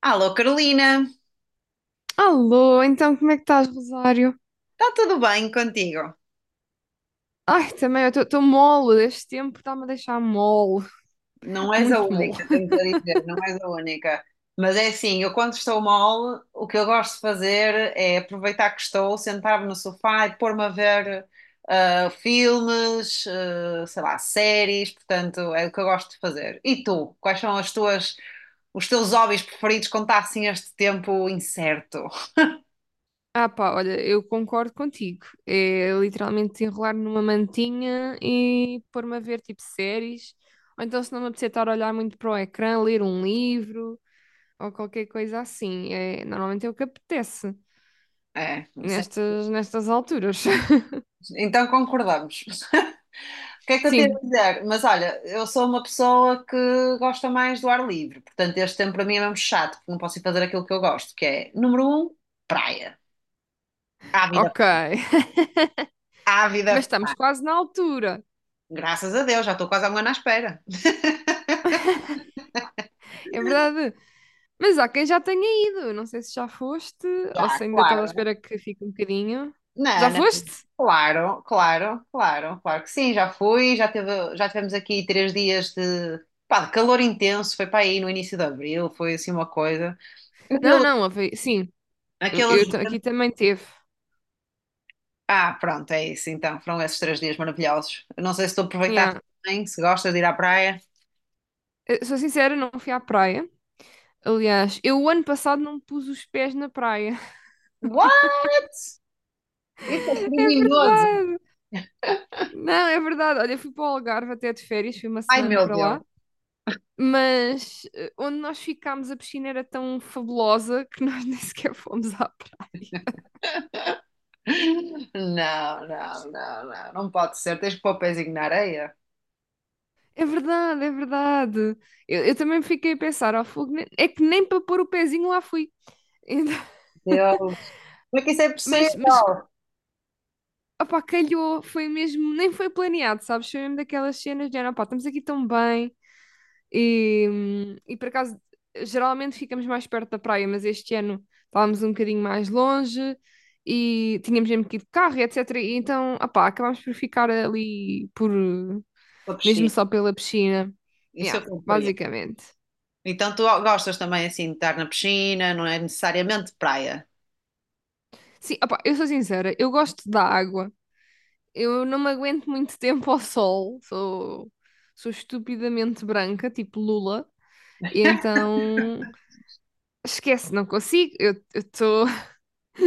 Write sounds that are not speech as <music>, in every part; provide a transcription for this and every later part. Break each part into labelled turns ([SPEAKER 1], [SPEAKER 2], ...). [SPEAKER 1] Alô, Carolina,
[SPEAKER 2] Alô, então como é que estás, Rosário?
[SPEAKER 1] está tudo bem contigo?
[SPEAKER 2] Ai, também, eu estou mole, este tempo está-me a deixar mole,
[SPEAKER 1] Não
[SPEAKER 2] <laughs>
[SPEAKER 1] és a
[SPEAKER 2] muito mole.
[SPEAKER 1] única, tenho que dizer, não és a única. Mas é assim, eu quando estou mal, o que eu gosto de fazer é aproveitar que estou, sentar-me no sofá e pôr-me a ver filmes, sei lá, séries, portanto, é o que eu gosto de fazer. E tu, quais são as tuas, os teus hobbies preferidos quando está assim este tempo incerto?
[SPEAKER 2] Ah pá, olha, eu concordo contigo, é literalmente enrolar numa mantinha e pôr-me a ver tipo séries, ou então se não me apetecer estar a olhar muito para o ecrã, ler um livro, ou qualquer coisa assim, é, normalmente é o que apetece,
[SPEAKER 1] É, sim.
[SPEAKER 2] nestas alturas. <laughs>
[SPEAKER 1] Então concordamos. <laughs> O que é que eu tenho a
[SPEAKER 2] Sim,
[SPEAKER 1] dizer? Mas olha, eu sou uma pessoa que gosta mais do ar livre, portanto, este tempo para mim é mesmo chato, porque não posso ir fazer aquilo que eu gosto, que é, número um, praia. Ávida,
[SPEAKER 2] ok. <laughs> Mas
[SPEAKER 1] ávida,
[SPEAKER 2] estamos quase na altura,
[SPEAKER 1] graças a Deus, já estou quase há um ano à espera.
[SPEAKER 2] é verdade. Mas há quem já tenha ido. Não sei se já foste ou
[SPEAKER 1] Já,
[SPEAKER 2] se ainda estás à
[SPEAKER 1] claro.
[SPEAKER 2] espera que fique um bocadinho. Já
[SPEAKER 1] Não, não.
[SPEAKER 2] foste?
[SPEAKER 1] Claro, claro, claro, claro que sim, já fui, já tivemos aqui três dias de, pá, de calor intenso, foi para aí no início de abril, foi assim uma coisa.
[SPEAKER 2] Não,
[SPEAKER 1] Aquele-
[SPEAKER 2] não, sim. Eu,
[SPEAKER 1] Aqueles,
[SPEAKER 2] eu ta- aqui também teve.
[SPEAKER 1] Pronto, é isso então, foram esses três dias maravilhosos. Eu não sei se tu aproveitaste
[SPEAKER 2] Yeah.
[SPEAKER 1] bem, se gostas de ir à praia.
[SPEAKER 2] Eu sou sincera, não fui à praia. Aliás, eu o ano passado não pus os pés na praia.
[SPEAKER 1] What? Isso é
[SPEAKER 2] <laughs> É
[SPEAKER 1] criminoso!
[SPEAKER 2] verdade. Não, é verdade. Olha, eu fui para o Algarve até de férias, fui uma
[SPEAKER 1] Ai
[SPEAKER 2] semana
[SPEAKER 1] meu
[SPEAKER 2] para
[SPEAKER 1] Deus!
[SPEAKER 2] lá. Mas onde nós ficámos, a piscina era tão fabulosa que nós <laughs> nem sequer fomos à
[SPEAKER 1] Não, não, não, não, não pode ser, tens que pôr o pezinho na areia.
[SPEAKER 2] É verdade, é verdade. Eu também fiquei a pensar, ao fogo, é que nem para pôr o pezinho lá fui. Então, <laughs>
[SPEAKER 1] Deus, como é que isso é possível?
[SPEAKER 2] mas, opá, calhou, foi mesmo, nem foi planeado, sabes? Foi mesmo daquelas cenas de, opá, estamos aqui tão bem e por acaso, geralmente ficamos mais perto da praia, mas este ano estávamos um bocadinho mais longe e tínhamos mesmo que ir de carro, e etc. E então, opá, acabámos por ficar ali por,
[SPEAKER 1] Estou a
[SPEAKER 2] mesmo
[SPEAKER 1] piscina.
[SPEAKER 2] só pela piscina.
[SPEAKER 1] Isso eu
[SPEAKER 2] Yeah,
[SPEAKER 1] compreendo.
[SPEAKER 2] basicamente.
[SPEAKER 1] Então tu gostas também assim de estar na piscina, não é necessariamente praia.
[SPEAKER 2] Sim, opá, eu sou sincera, eu gosto da água. Eu não me aguento muito tempo ao sol. Sou estupidamente branca, tipo Lula. E então, esquece, não consigo. Eu estou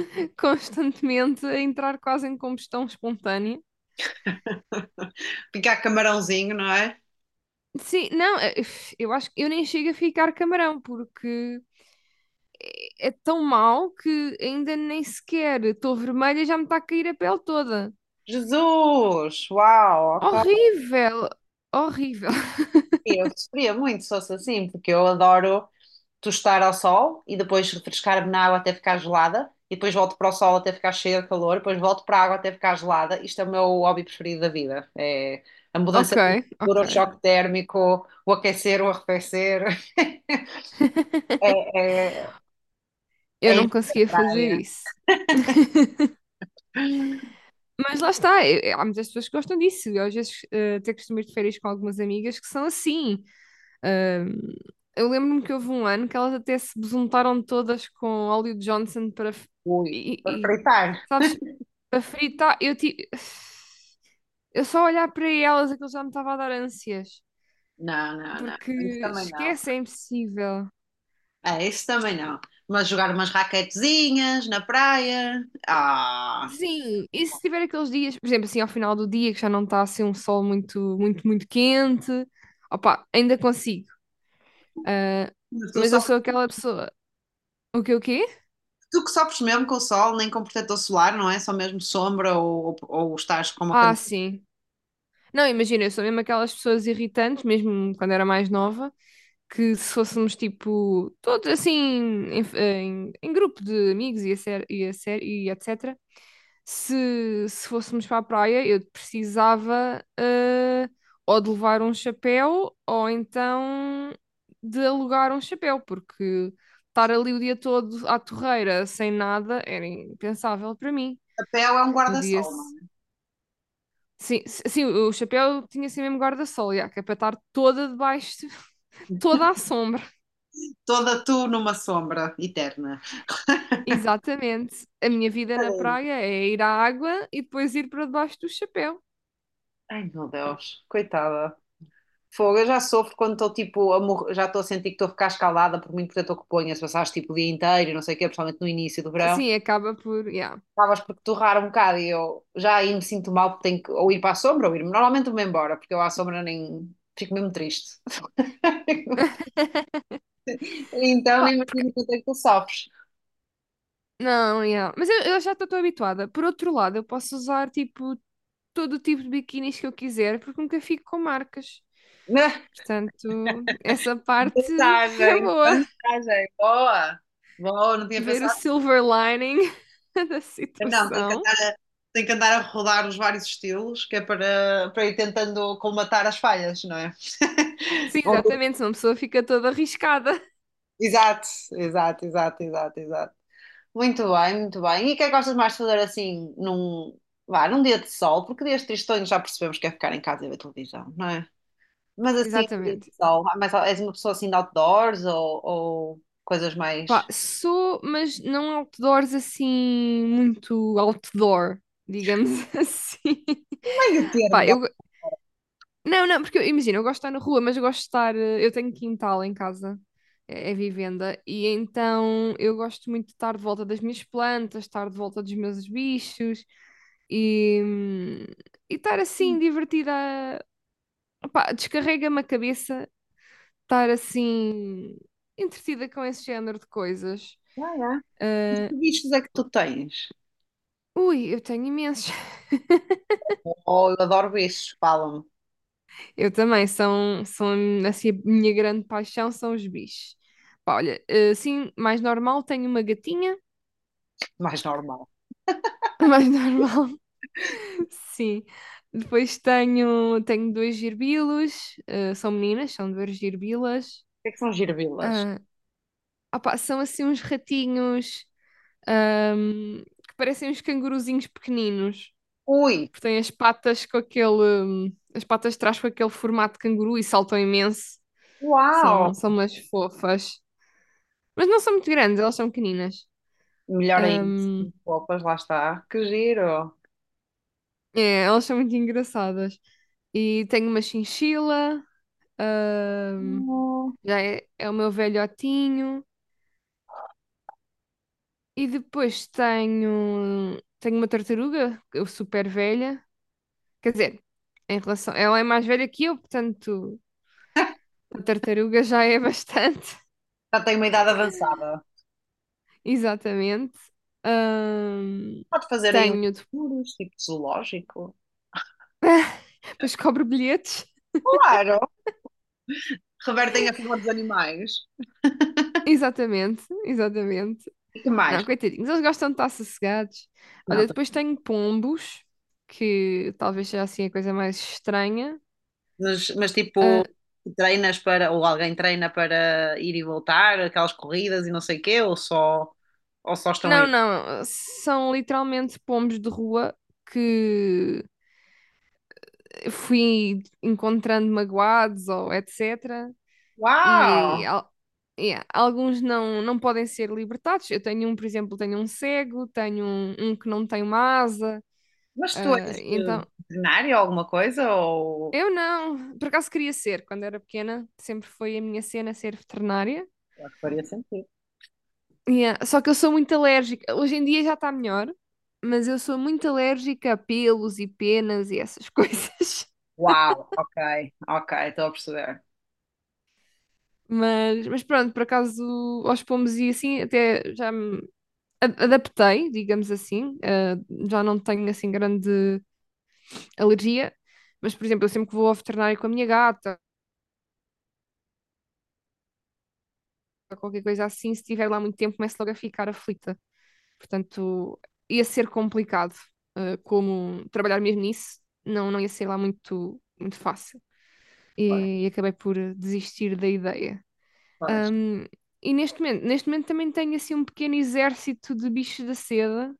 [SPEAKER 2] <laughs> constantemente a entrar quase em combustão espontânea.
[SPEAKER 1] Picar camarãozinho, não é?
[SPEAKER 2] Sim, não, eu acho que eu nem chego a ficar camarão, porque é tão mau que ainda nem sequer estou vermelha e já me está a cair a pele toda.
[SPEAKER 1] Jesus! Uau, ok.
[SPEAKER 2] Horrível, horrível. <laughs>
[SPEAKER 1] Eu sofria muito se fosse assim, porque eu adoro tostar ao sol e depois refrescar-me na água até ficar gelada, e depois volto para o sol até ficar cheia de calor, depois volto para a água até ficar gelada. Isto é o meu hobby preferido da vida. É a mudança
[SPEAKER 2] Ok,
[SPEAKER 1] de temperatura, o
[SPEAKER 2] ok.
[SPEAKER 1] choque térmico, o aquecer, o arrefecer. <laughs>
[SPEAKER 2] <laughs>
[SPEAKER 1] É, é,
[SPEAKER 2] Eu
[SPEAKER 1] É
[SPEAKER 2] não
[SPEAKER 1] ir para
[SPEAKER 2] conseguia
[SPEAKER 1] a
[SPEAKER 2] fazer
[SPEAKER 1] praia.
[SPEAKER 2] isso. <laughs> Mas lá está, há muitas pessoas que gostam disso. Eu às vezes até costumo ir de férias com algumas amigas que são assim. Ahm, eu lembro-me que houve um ano que elas até se besuntaram todas com óleo de Johnson
[SPEAKER 1] Ui,
[SPEAKER 2] e,
[SPEAKER 1] para
[SPEAKER 2] e- e,
[SPEAKER 1] fritar.
[SPEAKER 2] sabes, para fritar. <sighs> Eu só olhar para elas aquilo já me estava a dar ânsias,
[SPEAKER 1] Não, não, não.
[SPEAKER 2] porque
[SPEAKER 1] Isso também não.
[SPEAKER 2] esquece, é impossível.
[SPEAKER 1] É, isso também não. Mas jogar umas raquetezinhas na praia.
[SPEAKER 2] Sim, e se tiver aqueles dias, por exemplo, assim, ao final do dia, que já não está assim um sol muito, muito, muito quente, opá, ainda consigo. Ah,
[SPEAKER 1] Mas tu,
[SPEAKER 2] mas eu
[SPEAKER 1] sofres,
[SPEAKER 2] sou aquela pessoa. O que o quê?
[SPEAKER 1] Tu que sofres mesmo com o sol, nem com protetor solar, não é? Só mesmo sombra ou, ou estás com uma
[SPEAKER 2] Ah,
[SPEAKER 1] camisa
[SPEAKER 2] sim. Não, imagina, eu sou mesmo aquelas pessoas irritantes, mesmo quando era mais nova, que se fôssemos tipo, todos assim, em grupo de amigos e etc., se fôssemos para a praia, eu precisava ou de levar um chapéu ou então de alugar um chapéu, porque estar ali o dia todo à torreira sem nada era impensável para mim.
[SPEAKER 1] de papel, é um
[SPEAKER 2] No dia,
[SPEAKER 1] guarda-sol, não é?
[SPEAKER 2] Sim, o chapéu tinha assim mesmo guarda-sol, já, que é para estar toda debaixo, <laughs> toda à sombra.
[SPEAKER 1] Toda tu numa sombra eterna.
[SPEAKER 2] Exatamente. A minha vida na
[SPEAKER 1] Tadinha.
[SPEAKER 2] praia é ir à água e depois ir para debaixo do chapéu.
[SPEAKER 1] Ai, meu Deus, coitada. Fogo, eu já sofro quando estou tipo, a morrer- já estou a sentir que estou a ficar escalada por muito protetor que ponha, se passares tipo o dia inteiro, e não sei o quê, principalmente no início do verão.
[SPEAKER 2] Assim acaba por, já.
[SPEAKER 1] Acabas por torrar um bocado e eu já aí me sinto mal porque tenho que ou ir para a sombra ou ir-me. Normalmente vou-me embora, porque eu à sombra nem fico mesmo triste. <laughs> Então nem
[SPEAKER 2] Pá,
[SPEAKER 1] imagino quanto é que tu sofres.
[SPEAKER 2] não, já. Mas eu já estou habituada. Por outro lado, eu posso usar tipo todo o tipo de biquinis que eu quiser, porque nunca fico com marcas.
[SPEAKER 1] <laughs>
[SPEAKER 2] Portanto, essa parte <laughs> é
[SPEAKER 1] Vantagem,
[SPEAKER 2] boa.
[SPEAKER 1] vantagem, boa, boa, não tinha
[SPEAKER 2] Ver o
[SPEAKER 1] pensado,
[SPEAKER 2] silver lining <laughs> da
[SPEAKER 1] não,
[SPEAKER 2] situação.
[SPEAKER 1] tenho que andar a rodar os vários estilos, que é para, para ir tentando colmatar as falhas, não é?
[SPEAKER 2] Sim,
[SPEAKER 1] <laughs> Bom,
[SPEAKER 2] exatamente, senão a pessoa fica toda arriscada.
[SPEAKER 1] exato, exato, exato, exato, exato. Muito bem, muito bem. E o que é que gostas mais de fazer assim vá, num dia de sol? Porque dias tristonhos já percebemos que é ficar em casa e ver televisão, não é? Mas assim, um dia de
[SPEAKER 2] Exatamente.
[SPEAKER 1] sol, és uma pessoa assim de outdoors ou coisas
[SPEAKER 2] Pá,
[SPEAKER 1] mais.
[SPEAKER 2] sou, mas não outdoors assim, muito outdoor, digamos <laughs> assim.
[SPEAKER 1] Meio
[SPEAKER 2] Pá,
[SPEAKER 1] termo, vá.
[SPEAKER 2] eu. Não, não, porque imagina, eu gosto de estar na rua, mas eu gosto de estar. Eu tenho quintal em casa, é vivenda, e então eu gosto muito de estar de volta das minhas plantas, estar de volta dos meus bichos e, hum, e estar assim divertida. Opá, descarrega-me a cabeça estar assim entretida com esse género de coisas.
[SPEAKER 1] É.
[SPEAKER 2] Ah,
[SPEAKER 1] Que bichos é que tu tens?
[SPEAKER 2] ui, eu tenho imensos. <laughs>
[SPEAKER 1] Oh, eu adoro bichos, falam-me.
[SPEAKER 2] Eu também, são assim, a minha grande paixão são os bichos. Pá, olha, assim, mais normal, tenho uma gatinha,
[SPEAKER 1] Mais normal. O
[SPEAKER 2] <laughs> mais normal, <laughs> sim. Depois tenho dois girbilos, são meninas, são duas girbilas.
[SPEAKER 1] que é que são girbilas?
[SPEAKER 2] Ah, opá, são assim uns ratinhos, que parecem uns canguruzinhos pequeninos.
[SPEAKER 1] Ui,
[SPEAKER 2] Porque tem as patas com as patas de trás com aquele formato de canguru e saltam imenso. São,
[SPEAKER 1] uau!
[SPEAKER 2] são umas fofas. Mas não são muito grandes, elas são pequeninas.
[SPEAKER 1] Melhor ainda. Opas, lá está. Que giro.
[SPEAKER 2] É, elas são muito engraçadas. E tenho uma chinchila, hum,
[SPEAKER 1] Oh,
[SPEAKER 2] já é o meu velhotinho. E depois tenho uma tartaruga, eu super velha. Quer dizer, em relação, ela é mais velha que eu, portanto, a tartaruga já é <laughs> bastante.
[SPEAKER 1] já tenho uma idade avançada.
[SPEAKER 2] Exatamente. Ahm,
[SPEAKER 1] Pode fazer aí uns
[SPEAKER 2] tenho.
[SPEAKER 1] tours, tipo zoológico.
[SPEAKER 2] Depois cobro bilhetes.
[SPEAKER 1] Claro, revertem a favor dos animais.
[SPEAKER 2] Exatamente, exatamente.
[SPEAKER 1] E que mais?
[SPEAKER 2] Não, coitadinhos, eles gostam de estar sossegados.
[SPEAKER 1] Não,
[SPEAKER 2] Olha, depois tenho pombos, que talvez seja assim a coisa mais estranha.
[SPEAKER 1] mas
[SPEAKER 2] Ah,
[SPEAKER 1] tipo, treinas para, ou alguém treina para ir e voltar, aquelas corridas e não sei o quê, ou só estão aí.
[SPEAKER 2] não, não, são literalmente pombos de rua que fui encontrando magoados ou etc.
[SPEAKER 1] Uau!
[SPEAKER 2] e, al- e alguns não, não podem ser libertados. Eu tenho um, por exemplo, tenho um cego, tenho um que não tem uma asa.
[SPEAKER 1] Mas tu és
[SPEAKER 2] Então,
[SPEAKER 1] veterinário ou alguma coisa? Ou
[SPEAKER 2] eu não. Por acaso queria ser, quando era pequena, sempre foi a minha cena ser veterinária.
[SPEAKER 1] eu acho que faria sentido.
[SPEAKER 2] E, só que eu sou muito alérgica. Hoje em dia já está melhor, mas eu sou muito alérgica a pelos e penas e essas <laughs> coisas.
[SPEAKER 1] Uau, ok, ok, estou a perceber.
[SPEAKER 2] Mas, pronto, por acaso aos pombos e assim até já me adaptei, digamos assim. Já não tenho assim grande alergia, mas, por exemplo, eu sempre que vou ao veterinário com a minha gata, ou qualquer coisa assim, se estiver lá muito tempo, começo logo a ficar aflita. Portanto, ia ser complicado, como trabalhar mesmo nisso, não, não ia ser lá muito, muito fácil.
[SPEAKER 1] Pois,
[SPEAKER 2] E acabei por desistir da ideia.
[SPEAKER 1] pois.
[SPEAKER 2] Ahm, e neste momento também tenho assim um pequeno exército de bichos da seda,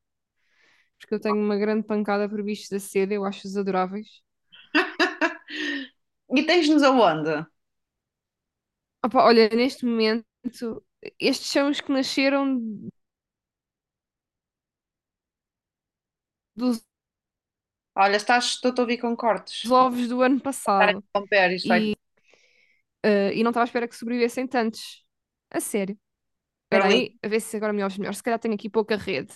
[SPEAKER 2] porque eu tenho uma grande pancada por bichos da seda, eu acho-os adoráveis.
[SPEAKER 1] <laughs> E tens-nos aonde?
[SPEAKER 2] Opa, olha, neste momento, estes são os que nasceram dos
[SPEAKER 1] Olha, estás, estou a ouvir com cortes.
[SPEAKER 2] os ovos do ano
[SPEAKER 1] Estar a
[SPEAKER 2] passado.
[SPEAKER 1] interromper isto vai.
[SPEAKER 2] Ah, e não estava à espera que sobrevivessem tantos. A sério. Espera
[SPEAKER 1] Carlinhos,
[SPEAKER 2] aí, a ver se agora me ouves melhor. Se calhar tenho aqui pouca rede.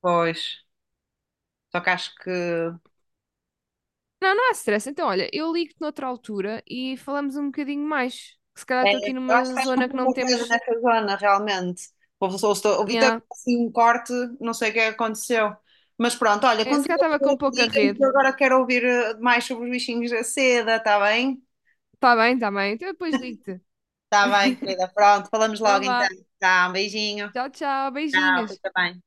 [SPEAKER 1] pois. Só que acho que. É,
[SPEAKER 2] Não, não há stress. Então, olha, eu ligo-te noutra altura e falamos um bocadinho mais. Que se calhar estou aqui
[SPEAKER 1] eu acho
[SPEAKER 2] numa
[SPEAKER 1] que estás com
[SPEAKER 2] zona que não
[SPEAKER 1] pouco dedo
[SPEAKER 2] temos.
[SPEAKER 1] nessa zona, realmente. O Vitor,
[SPEAKER 2] Nhá.
[SPEAKER 1] assim, um corte, não sei o que aconteceu. Mas pronto, olha,
[SPEAKER 2] É, se calhar
[SPEAKER 1] continua a
[SPEAKER 2] estava com
[SPEAKER 1] diga-me que
[SPEAKER 2] pouca
[SPEAKER 1] digas,
[SPEAKER 2] rede.
[SPEAKER 1] que eu agora quero ouvir mais sobre os bichinhos da seda, está bem?
[SPEAKER 2] Está bem, está bem. Então eu depois ligo-te.
[SPEAKER 1] Está bem,
[SPEAKER 2] <laughs>
[SPEAKER 1] querida. Pronto, falamos
[SPEAKER 2] Então
[SPEAKER 1] logo
[SPEAKER 2] vá.
[SPEAKER 1] então. Tá, um beijinho.
[SPEAKER 2] Tchau, tchau.
[SPEAKER 1] Tchau,
[SPEAKER 2] Beijinhos.
[SPEAKER 1] fica bem.